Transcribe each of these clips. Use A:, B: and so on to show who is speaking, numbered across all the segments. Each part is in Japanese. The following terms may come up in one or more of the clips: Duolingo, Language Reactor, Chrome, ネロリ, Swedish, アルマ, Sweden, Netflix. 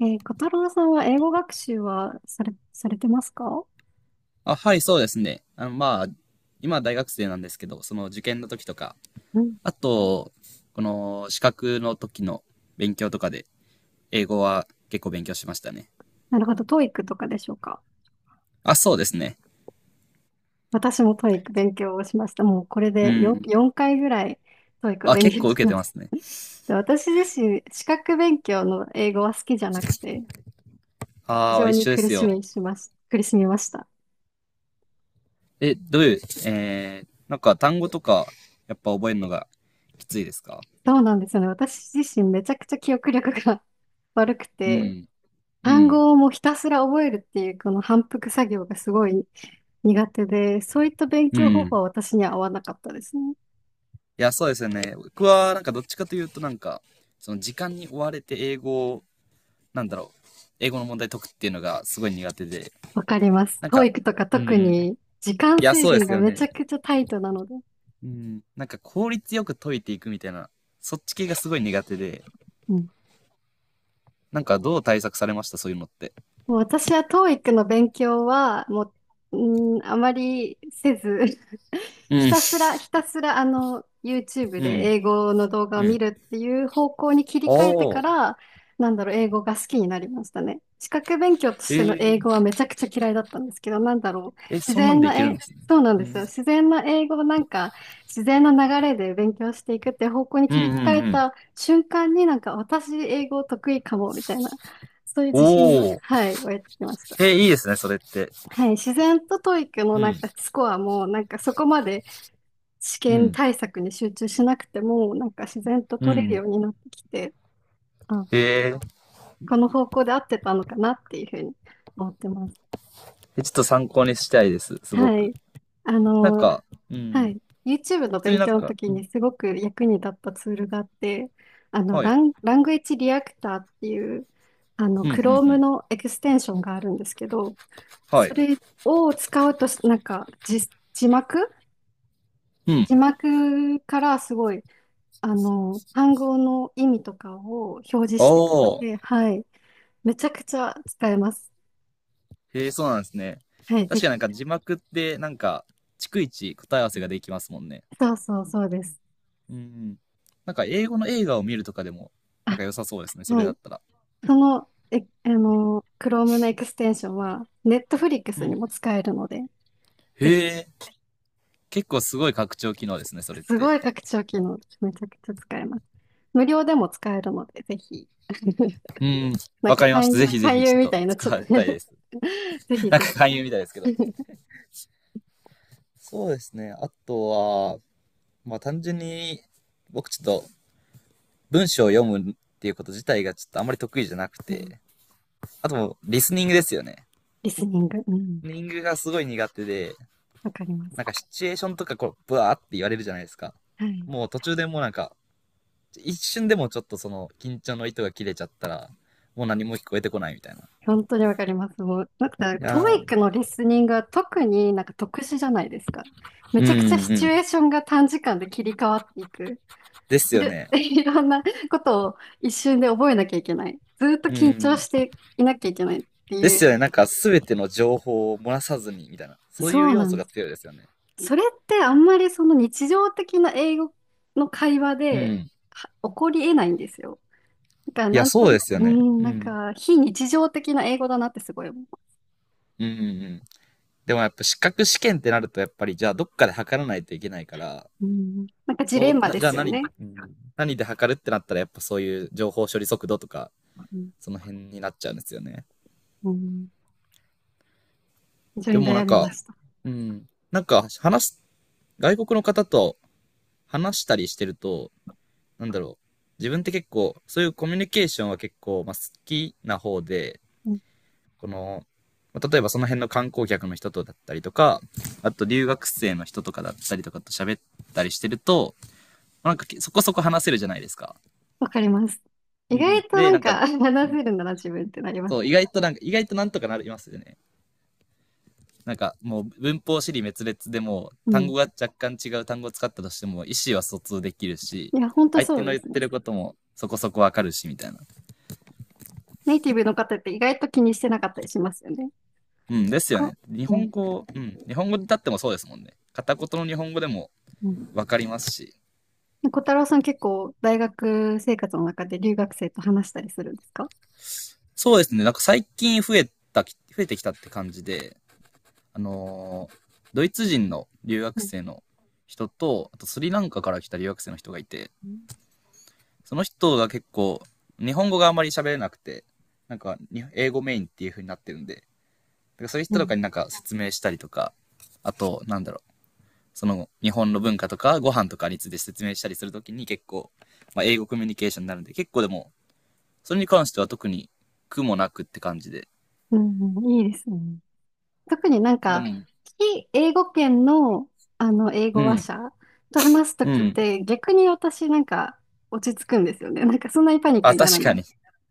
A: 小太郎さんは英語学習はされてますか？
B: あ、はい、そうですね。今は大学生なんですけど、その受験の時とか、
A: うん。
B: あと、この資格の時の勉強とかで、英語は結構勉強しましたね。
A: なるほど、トーイックとかでしょうか。
B: あ、そうですね。
A: 私もトーイック勉強をしました。もうこれ
B: う
A: で
B: ん。
A: 4回ぐらいトーイックを
B: あ、
A: 勉
B: 結
A: 強
B: 構
A: し
B: 受け
A: ま
B: て
A: し
B: ま
A: た。
B: すね。
A: で私自身、資格勉強の英語は好きじゃなくて、非
B: ああ、
A: 常
B: 一
A: に
B: 緒ですよ。
A: 苦しみました。
B: え、どういう、えー、なんか単語とか、やっぱ覚えるのがきついですか？
A: そうなんですよね。私自身めちゃくちゃ記憶力が 悪く
B: う
A: て、
B: ん、う
A: 単
B: ん、
A: 語をもうひたすら覚えるっていうこの反復作業がすごい苦手で、そういった勉
B: うん。
A: 強方
B: い
A: 法は私には合わなかったですね。
B: や、そうですよね。僕は、なんかどっちかというと、その時間に追われて英語をなんだろう、英語の問題解くっていうのがすごい苦手で、
A: わかります。
B: なん
A: 教
B: か、
A: 育とか
B: うん。
A: 特に時間
B: いや、
A: 制
B: そうで
A: 限
B: す
A: が
B: よ
A: めち
B: ね。
A: ゃくちゃタイトなので。
B: うん、なんか効率よく解いていくみたいな、そっち系がすごい苦手で、
A: うん。
B: なんかどう対策されましたそういうのって？
A: もう私は TOEIC の勉強は、もう、あまりせず
B: う
A: ひ
B: ん。
A: たすら、ひたすら、YouTube
B: う
A: で
B: ん。
A: 英語の動画を
B: う
A: 見
B: ん。
A: るっていう方向に切り替えて
B: お
A: か
B: ー。
A: ら、なんだろう、英語が好きになりましたね。資格勉強と
B: え
A: しての英
B: ー。
A: 語はめちゃくちゃ嫌いだったんですけど、なんだろう、
B: え、
A: 自
B: そんなん
A: 然
B: でい
A: な、
B: けるんですね。
A: そうなん
B: う
A: です
B: ん。
A: よ。自然な英語をなんか、自然な流れで勉強していくって方向に
B: うん
A: 切り
B: うん
A: 替え
B: うん。
A: た瞬間になんか、私英語得意かも、みたいな。そういう自信が、
B: おー。
A: はい、湧いてきました。
B: え、いいですね、それって。
A: はい、自然とトイ e の
B: う
A: なん
B: ん。
A: かスコアも、なんかそこまで試
B: う
A: 験
B: ん。
A: 対策に集中しなくても、なんか自然と
B: う
A: 取れる
B: ん。
A: ようになってきて、あ、
B: えー、
A: この方向で合ってたのかなっていうふうに思ってます。
B: え、ちょっと参考にしたいです、すご
A: は
B: く。
A: い。あ
B: なん
A: の、
B: か、う
A: は
B: ん。
A: い。YouTube の
B: 普通に
A: 勉
B: なん
A: 強の
B: か、
A: 時
B: うん。
A: にすごく役に立ったツールがあって、
B: はい。
A: ラングエッジリアクターっていう、
B: うんうんう
A: Chrome
B: ん。
A: のエクステンションがあるんですけど、
B: は
A: そ
B: い。
A: れを使うとなんか、字字幕
B: うん。
A: 字幕からすごい、単語の意味とかを表示
B: お
A: してくれて、
B: ー。
A: はい。めちゃくちゃ使えます。
B: へえ、そうなんですね。
A: はい、ぜ
B: 確かなん
A: ひ。
B: か字幕って、なんか、逐一答え合わせができますもんね。
A: そうそう、そうです。
B: うん。なんか英語の映画を見るとかでも、なん
A: あ、
B: か良さそうですね、そ
A: は
B: れだ
A: い。
B: ったら。
A: その、え、あの、Chrome のエクステンションは、
B: う
A: Netflix に
B: ん。
A: も使えるので、
B: へ
A: ぜひ。
B: え。結構すごい拡張機能ですね、それっ
A: す
B: て。
A: ごい拡張機能です。めちゃくちゃ使えます。無料でも使えるので、ぜひ。
B: うん。
A: なん
B: わ
A: か
B: かりました。
A: 勧
B: ぜ
A: 誘、
B: ひぜ
A: 勧
B: ひち
A: 誘み
B: ょっ
A: た
B: と
A: いになっちゃっ
B: 使
A: て
B: い たいです。
A: ぜ ひ
B: なん
A: ぜひ。
B: か勧誘みたいですけど。そうですね。あとは、単純に僕ちょっと文章を読むっていうこと自体がちょっとあんまり得意じゃなく
A: うん、
B: て、あともうリスニングですよね。
A: リスニング。うん。
B: ニングがすごい苦手で、
A: わかりま
B: なんか
A: す。
B: シチュエーションとかこう、ブワーって言われるじゃないですか。
A: はい。
B: もう途中でもうなんか、一瞬でもちょっとその緊張の糸が切れちゃったら、もう何も聞こえてこないみたいな。
A: 本当にわかります。もう、なんか、
B: い
A: トー
B: や
A: イ
B: ー、
A: ックのリスニングは特になんか特殊じゃないですか。め
B: うん
A: ち
B: う
A: ゃくちゃシチュ
B: ん。
A: エーションが短時間で切り替わっていく。
B: ですよね。
A: いろんなことを一瞬で覚えなきゃいけない。ずっと
B: うんう
A: 緊張
B: ん。
A: していなきゃいけないって
B: で
A: い
B: すよ
A: う。
B: ね。なんか全ての情報を漏らさずにみたいな。そうい
A: そ
B: う
A: う
B: 要
A: な
B: 素が
A: ん
B: 強いですよね。
A: それってあんまりその日常的な英語の会話
B: う
A: で
B: ん。
A: は起こり得ないんですよ。だから
B: いや、
A: なん
B: そ
A: と、
B: うですよ
A: う
B: ね。
A: ん、
B: う
A: なん
B: ん。
A: か非日常的な英語だなってすごい思う。
B: うんうんうん。でもやっぱ資格試験ってなるとやっぱりじゃあどっかで測らないといけないから、
A: うん、なんかジ
B: そ
A: レ
B: う、
A: ンマ
B: な
A: で
B: じゃあ
A: すよ
B: 何、うん、
A: ね。
B: 何で測るってなったらやっぱそういう情報処理速度とか、
A: うん
B: その辺になっちゃうんですよね。
A: うん。非常
B: で
A: に
B: もな
A: 悩
B: ん
A: み
B: か、
A: ました。
B: うん、なんか話す、外国の方と話したりしてると、なんだろう、自分って結構、そういうコミュニケーションは結構、まあ、好きな方で、
A: うん。
B: この、まあ例えばその辺の観光客の人とだったりとか、あと留学生の人とかだったりとかと喋ったりしてると、まあなんかそこそこ話せるじゃないですか。
A: わかります。
B: うん
A: 意
B: う
A: 外
B: ん。
A: と
B: で、
A: な
B: な
A: ん
B: んか、
A: か 話せるなら自分ってなります。
B: そう、意外となんか、意外となんとかなりますよね。なんか、もう文法り滅裂でも、
A: う
B: 単
A: ん。
B: 語が若干違う単語を使ったとしても、意思は疎通できるし、
A: いや、ほんと
B: 相
A: そ
B: 手
A: う
B: の
A: で
B: 言っ
A: すね。
B: てることもそこそこわかるし、みたいな。
A: ネイティブの方って意外と気にしてなかったりしますよね。
B: うん、ですよ
A: か、
B: ね。日
A: うん
B: 本語、うん、日本語で立ってもそうですもんね。片言の日本語でも
A: うん。
B: わかりますし。
A: ね、小太郎さん結構大学生活の中で留学生と話したりするんですか？
B: そうですね。なんか最近増えてきたって感じで、あのードイツ人の留学
A: うん
B: 生の人と、あとスリランカから来た留学生の人がいて、
A: うん
B: その人が結構、日本語があんまり喋れなくて、なんか、英語メインっていう風になってるんで、だからそういう人とかになんか説明したりとか、あと、その日本の文化とかご飯とかについて説明したりするときに結構、まあ、英語コミュニケーションになるんで、結構でも、それに関しては特に苦もなくって感じで。
A: うんうん。いいですね。特になん
B: で
A: か、
B: も、
A: 非英語圏の、英
B: う
A: 語話
B: ん、
A: 者と話すと
B: う
A: きっ
B: ん。
A: て、逆に私なんか落ち着くんですよね。なんかそんなにパニック
B: あ、
A: にな
B: 確
A: らな
B: か
A: い。
B: に。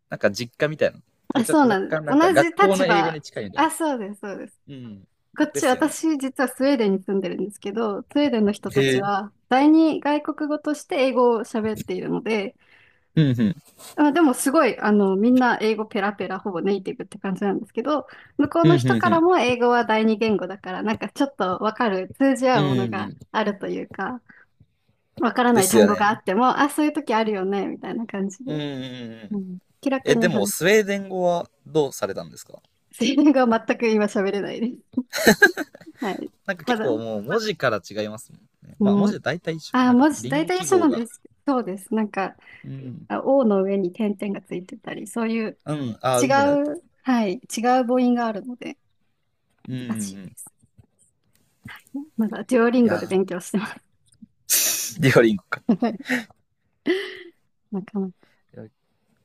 B: なんか実家みたいな。だから
A: あ、
B: ちょっ
A: そう
B: と
A: な
B: 若
A: んです。
B: 干な
A: 同
B: んか
A: じ
B: 学校
A: 立
B: の英語
A: 場。
B: に近いみたいな。
A: あ、そうです、そうです。
B: うん。
A: こっ
B: で
A: ち、
B: すよね。
A: 私実はスウェーデンに住んでるんですけど、スウェーデンの人た
B: へ
A: ち
B: え。
A: は、第二外国語として英語を喋っているので、
B: うんうん。
A: あ、でもすごい、みんな英語ペラペラ、ほぼネイティブって感じなんですけど、向こう
B: うん
A: の
B: うん
A: 人か
B: う
A: ら
B: ん。
A: も英語は第二言語だから、なんかちょっとわかる、通じ
B: う
A: 合うもの
B: んう
A: が
B: ん。
A: あるというか、わからな
B: で
A: い
B: す
A: 単
B: よ
A: 語があっ
B: ね。
A: ても、あ、そういう時あるよね、みたいな感じで。
B: うんうんうん。
A: うん。気楽
B: え、で
A: に
B: も、
A: 話
B: ス
A: す。
B: ウェーデン語はどうされたんですか？
A: スイン語は全く今喋れないです。はい。
B: なんか
A: ま
B: 結
A: だ、
B: 構もう文字から違いますもんね。まあ文
A: も
B: 字
A: う、
B: は大体一緒か。
A: あ、
B: なんか、
A: 文字、
B: リン
A: 大
B: グ
A: 体
B: 記
A: 一緒
B: 号
A: なんで
B: が。
A: すけど。そうです。なんか、
B: うん。
A: あ O の上に点々がついてたり、そういう
B: うん、ああ、
A: 違
B: ウムラウト。
A: う、はい、違う母音があるので、
B: うんうん
A: 難しい
B: う
A: で
B: ん。
A: す。まだ、デュオリン
B: い
A: ゴ
B: や
A: で
B: ー、
A: 勉強してます。
B: デュオリンゴか。
A: なかなか。
B: いや、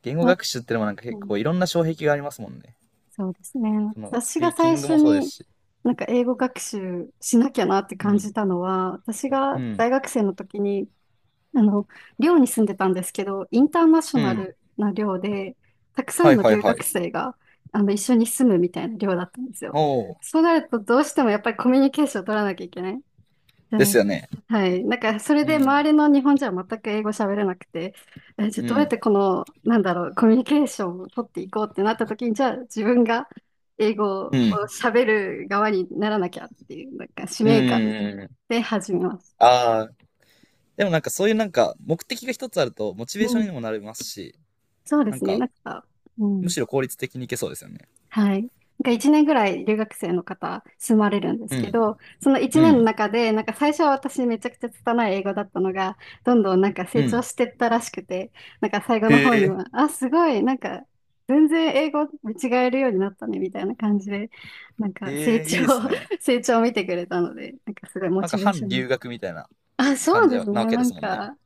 B: 言語
A: あ、
B: 学習ってのもなんか
A: う
B: 結
A: ん、
B: 構いろんな障壁がありますもんね。
A: そうですね。
B: その、ス
A: 私
B: ピ
A: が
B: ーキ
A: 最
B: ング
A: 初
B: もそうです
A: に、
B: し。
A: なんか英語学習しなきゃなって
B: う
A: 感
B: ん。
A: じたのは、私
B: う
A: が
B: ん。
A: 大学生の時に、あの、寮に住んでたんですけど、インターナショ
B: う
A: ナ
B: ん。
A: ルな寮で、たくさ
B: は
A: ん
B: い
A: の
B: はい
A: 留
B: は
A: 学
B: い。
A: 生が、一緒に住むみたいな寮だったんですよ。
B: おお。
A: そうなると、どうしてもやっぱりコミュニケーションを取らなきゃいけない。
B: ですよね。
A: はい。なんか、それ
B: う
A: で
B: ん。
A: 周りの日本人は全く英語喋れなくて、え、じゃあ
B: う
A: どうやっ
B: ん。
A: てこの、なんだろう、コミュニケーションを取っていこうってなった時に、じゃあ自分が英語
B: う
A: を
B: ん。
A: 喋る側にならなきゃっていう、なんか使
B: う
A: 命感
B: ん。うん。
A: で始めます。
B: ああ、でもなんかそういうなんか目的が一つあるとモチ
A: う
B: ベーション
A: ん。
B: にもなりますし、
A: そうで
B: なん
A: すね。
B: か
A: なんか、う
B: む
A: ん。
B: しろ効率的にいけそうですよね。
A: はい。なんか1年ぐらい留学生の方住まれるんです
B: う
A: け
B: ん、
A: ど、その1
B: う
A: 年の
B: ん、
A: 中で、なんか最初は私めちゃくちゃ拙い英語だったのが、どんどんなんか
B: う
A: 成長
B: ん。
A: してったらしくて、なんか最後
B: へ
A: の方
B: え、
A: には、あ、すごい、なんか全然英語見違えるようになったね、みたいな感じで、なんか成
B: へえ、
A: 長、
B: いいですね。
A: 成長を見てくれたので、なんかすごいモ
B: なんか
A: チベーシ
B: 反
A: ョンに。
B: 留学みたいな
A: あ、そ
B: 感
A: う
B: じ
A: で
B: な
A: す
B: わ
A: ね。
B: け
A: な
B: で
A: ん
B: すもんね。
A: か、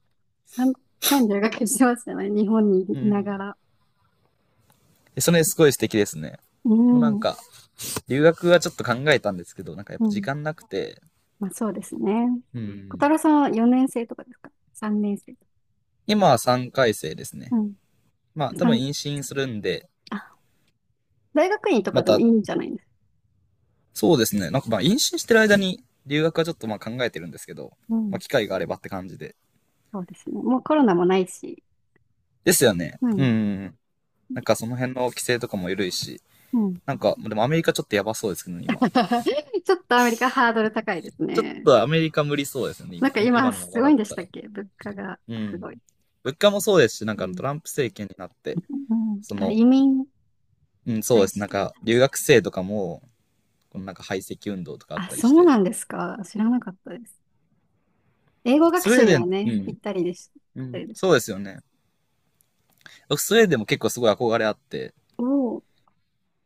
A: 半半留学してましたね。日本に
B: う
A: いなが
B: ん。
A: ら。
B: でそれすごい素敵ですね。
A: う
B: もうなん
A: ん。
B: か留学はちょっと考えたんですけど、なんかやっ
A: う
B: ぱ時
A: ん。
B: 間なくて、
A: まあそうですね。
B: う
A: 小太
B: ん。
A: 郎さんは4年生とかですか？ 3 年生とか。
B: 今は3回生です
A: う
B: ね。
A: ん。
B: まあ多分
A: 三
B: 妊娠するんで、
A: あ、大学院とか
B: ま
A: でもい
B: た、
A: いんじゃないですか。
B: そうですね。なんかまあ妊娠してる間に留学はちょっとまあ考えてるんですけど、
A: う
B: まあ
A: ん。
B: 機会があればって感じで。
A: そうですね。もうコロナもないし。
B: ですよね。
A: う
B: うんう
A: ん。
B: ん、なんかその辺の規制とかも緩いし、
A: うん。
B: なんか、でもアメリカちょっとやばそうですけどね、今。
A: ちょっとアメリカハードル高いです
B: ちょっ
A: ね。
B: とアメリカ無理そうですよね、
A: なん
B: 今。
A: か
B: 今
A: 今
B: 今のま
A: す
B: ま
A: ご
B: だ
A: い
B: っ
A: んでし
B: た
A: たっ
B: ら。
A: け物価が？
B: う
A: す
B: ん。
A: ごい。
B: 物価もそうですし、なん
A: う
B: か
A: ん。
B: トランプ政権になって、
A: うん。
B: そ
A: あ、
B: の、
A: 移民に
B: うん、そう
A: 対
B: です。
A: し
B: なん
A: て。
B: か、留学生とかも、このなんか排斥運動とかあっ
A: あ、
B: たりし
A: そう
B: て。
A: なんですか。知らなかったです。英語学
B: スウェー
A: 習に
B: デ
A: は
B: ン、う
A: ね、ぴっ
B: ん、
A: たりでした。ぴ
B: う
A: った
B: ん。
A: りです。
B: そうですよね。僕、スウェーデンも結構すごい憧れあって、
A: おお。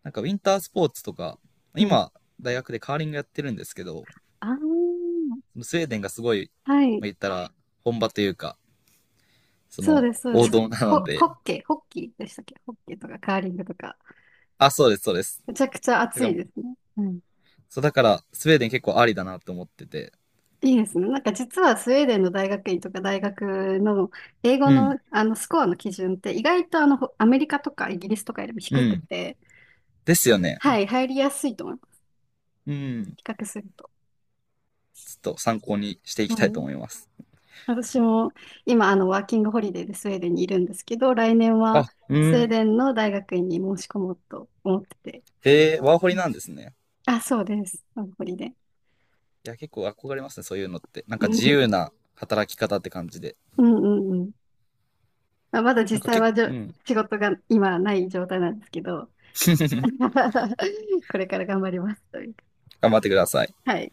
B: なんかウィンタースポーツとか、
A: うん。
B: 今、大学でカーリングやってるんですけど、
A: ああ。
B: スウェーデンがすごい、
A: は
B: ま
A: い。
B: あ、言ったら、本場というか、そ
A: そう
B: の、
A: です、そう
B: 王
A: です。
B: 道なの
A: ホ
B: で、
A: ッケー、ホッキーでしたっけ？ホッケーとかカーリングとか。
B: あ、そうです、そうです。
A: めちゃくちゃ
B: だ
A: 暑
B: か
A: い
B: ら、
A: ですね。うん。
B: そう、だから、スウェーデン結構ありだなと思ってて、
A: いいですね。なんか実はスウェーデンの大学院とか大学の英語
B: うん、
A: の、スコアの基準って意外とあのほアメリカとかイギリスとかよりも
B: う
A: 低く
B: ん。
A: て、
B: ですよね。
A: はい、入りやすいと思います。
B: うん。
A: 比較すると。
B: ちょっと参考にしてい
A: は
B: きたいと
A: い。
B: 思います。
A: 私も今ワーキングホリデーでスウェーデンにいるんですけど、来年
B: あ、
A: は
B: う
A: スウェー
B: ん。
A: デンの大学院に申し込もうと思ってて。
B: へえ、ワーホリ
A: うん。
B: なんですね。
A: あ、そうです。ワーキングホリデー。
B: いや、結構憧れますね、そういうのって。なんか
A: うん
B: 自由な働き方って感じで。
A: うんうん。まあ、まだ
B: なん
A: 実
B: か
A: 際
B: 結構、
A: はじょ、
B: うん。
A: 仕事が今ない状態なんですけど、これから頑張りますというか。
B: 頑張ってください。
A: はい。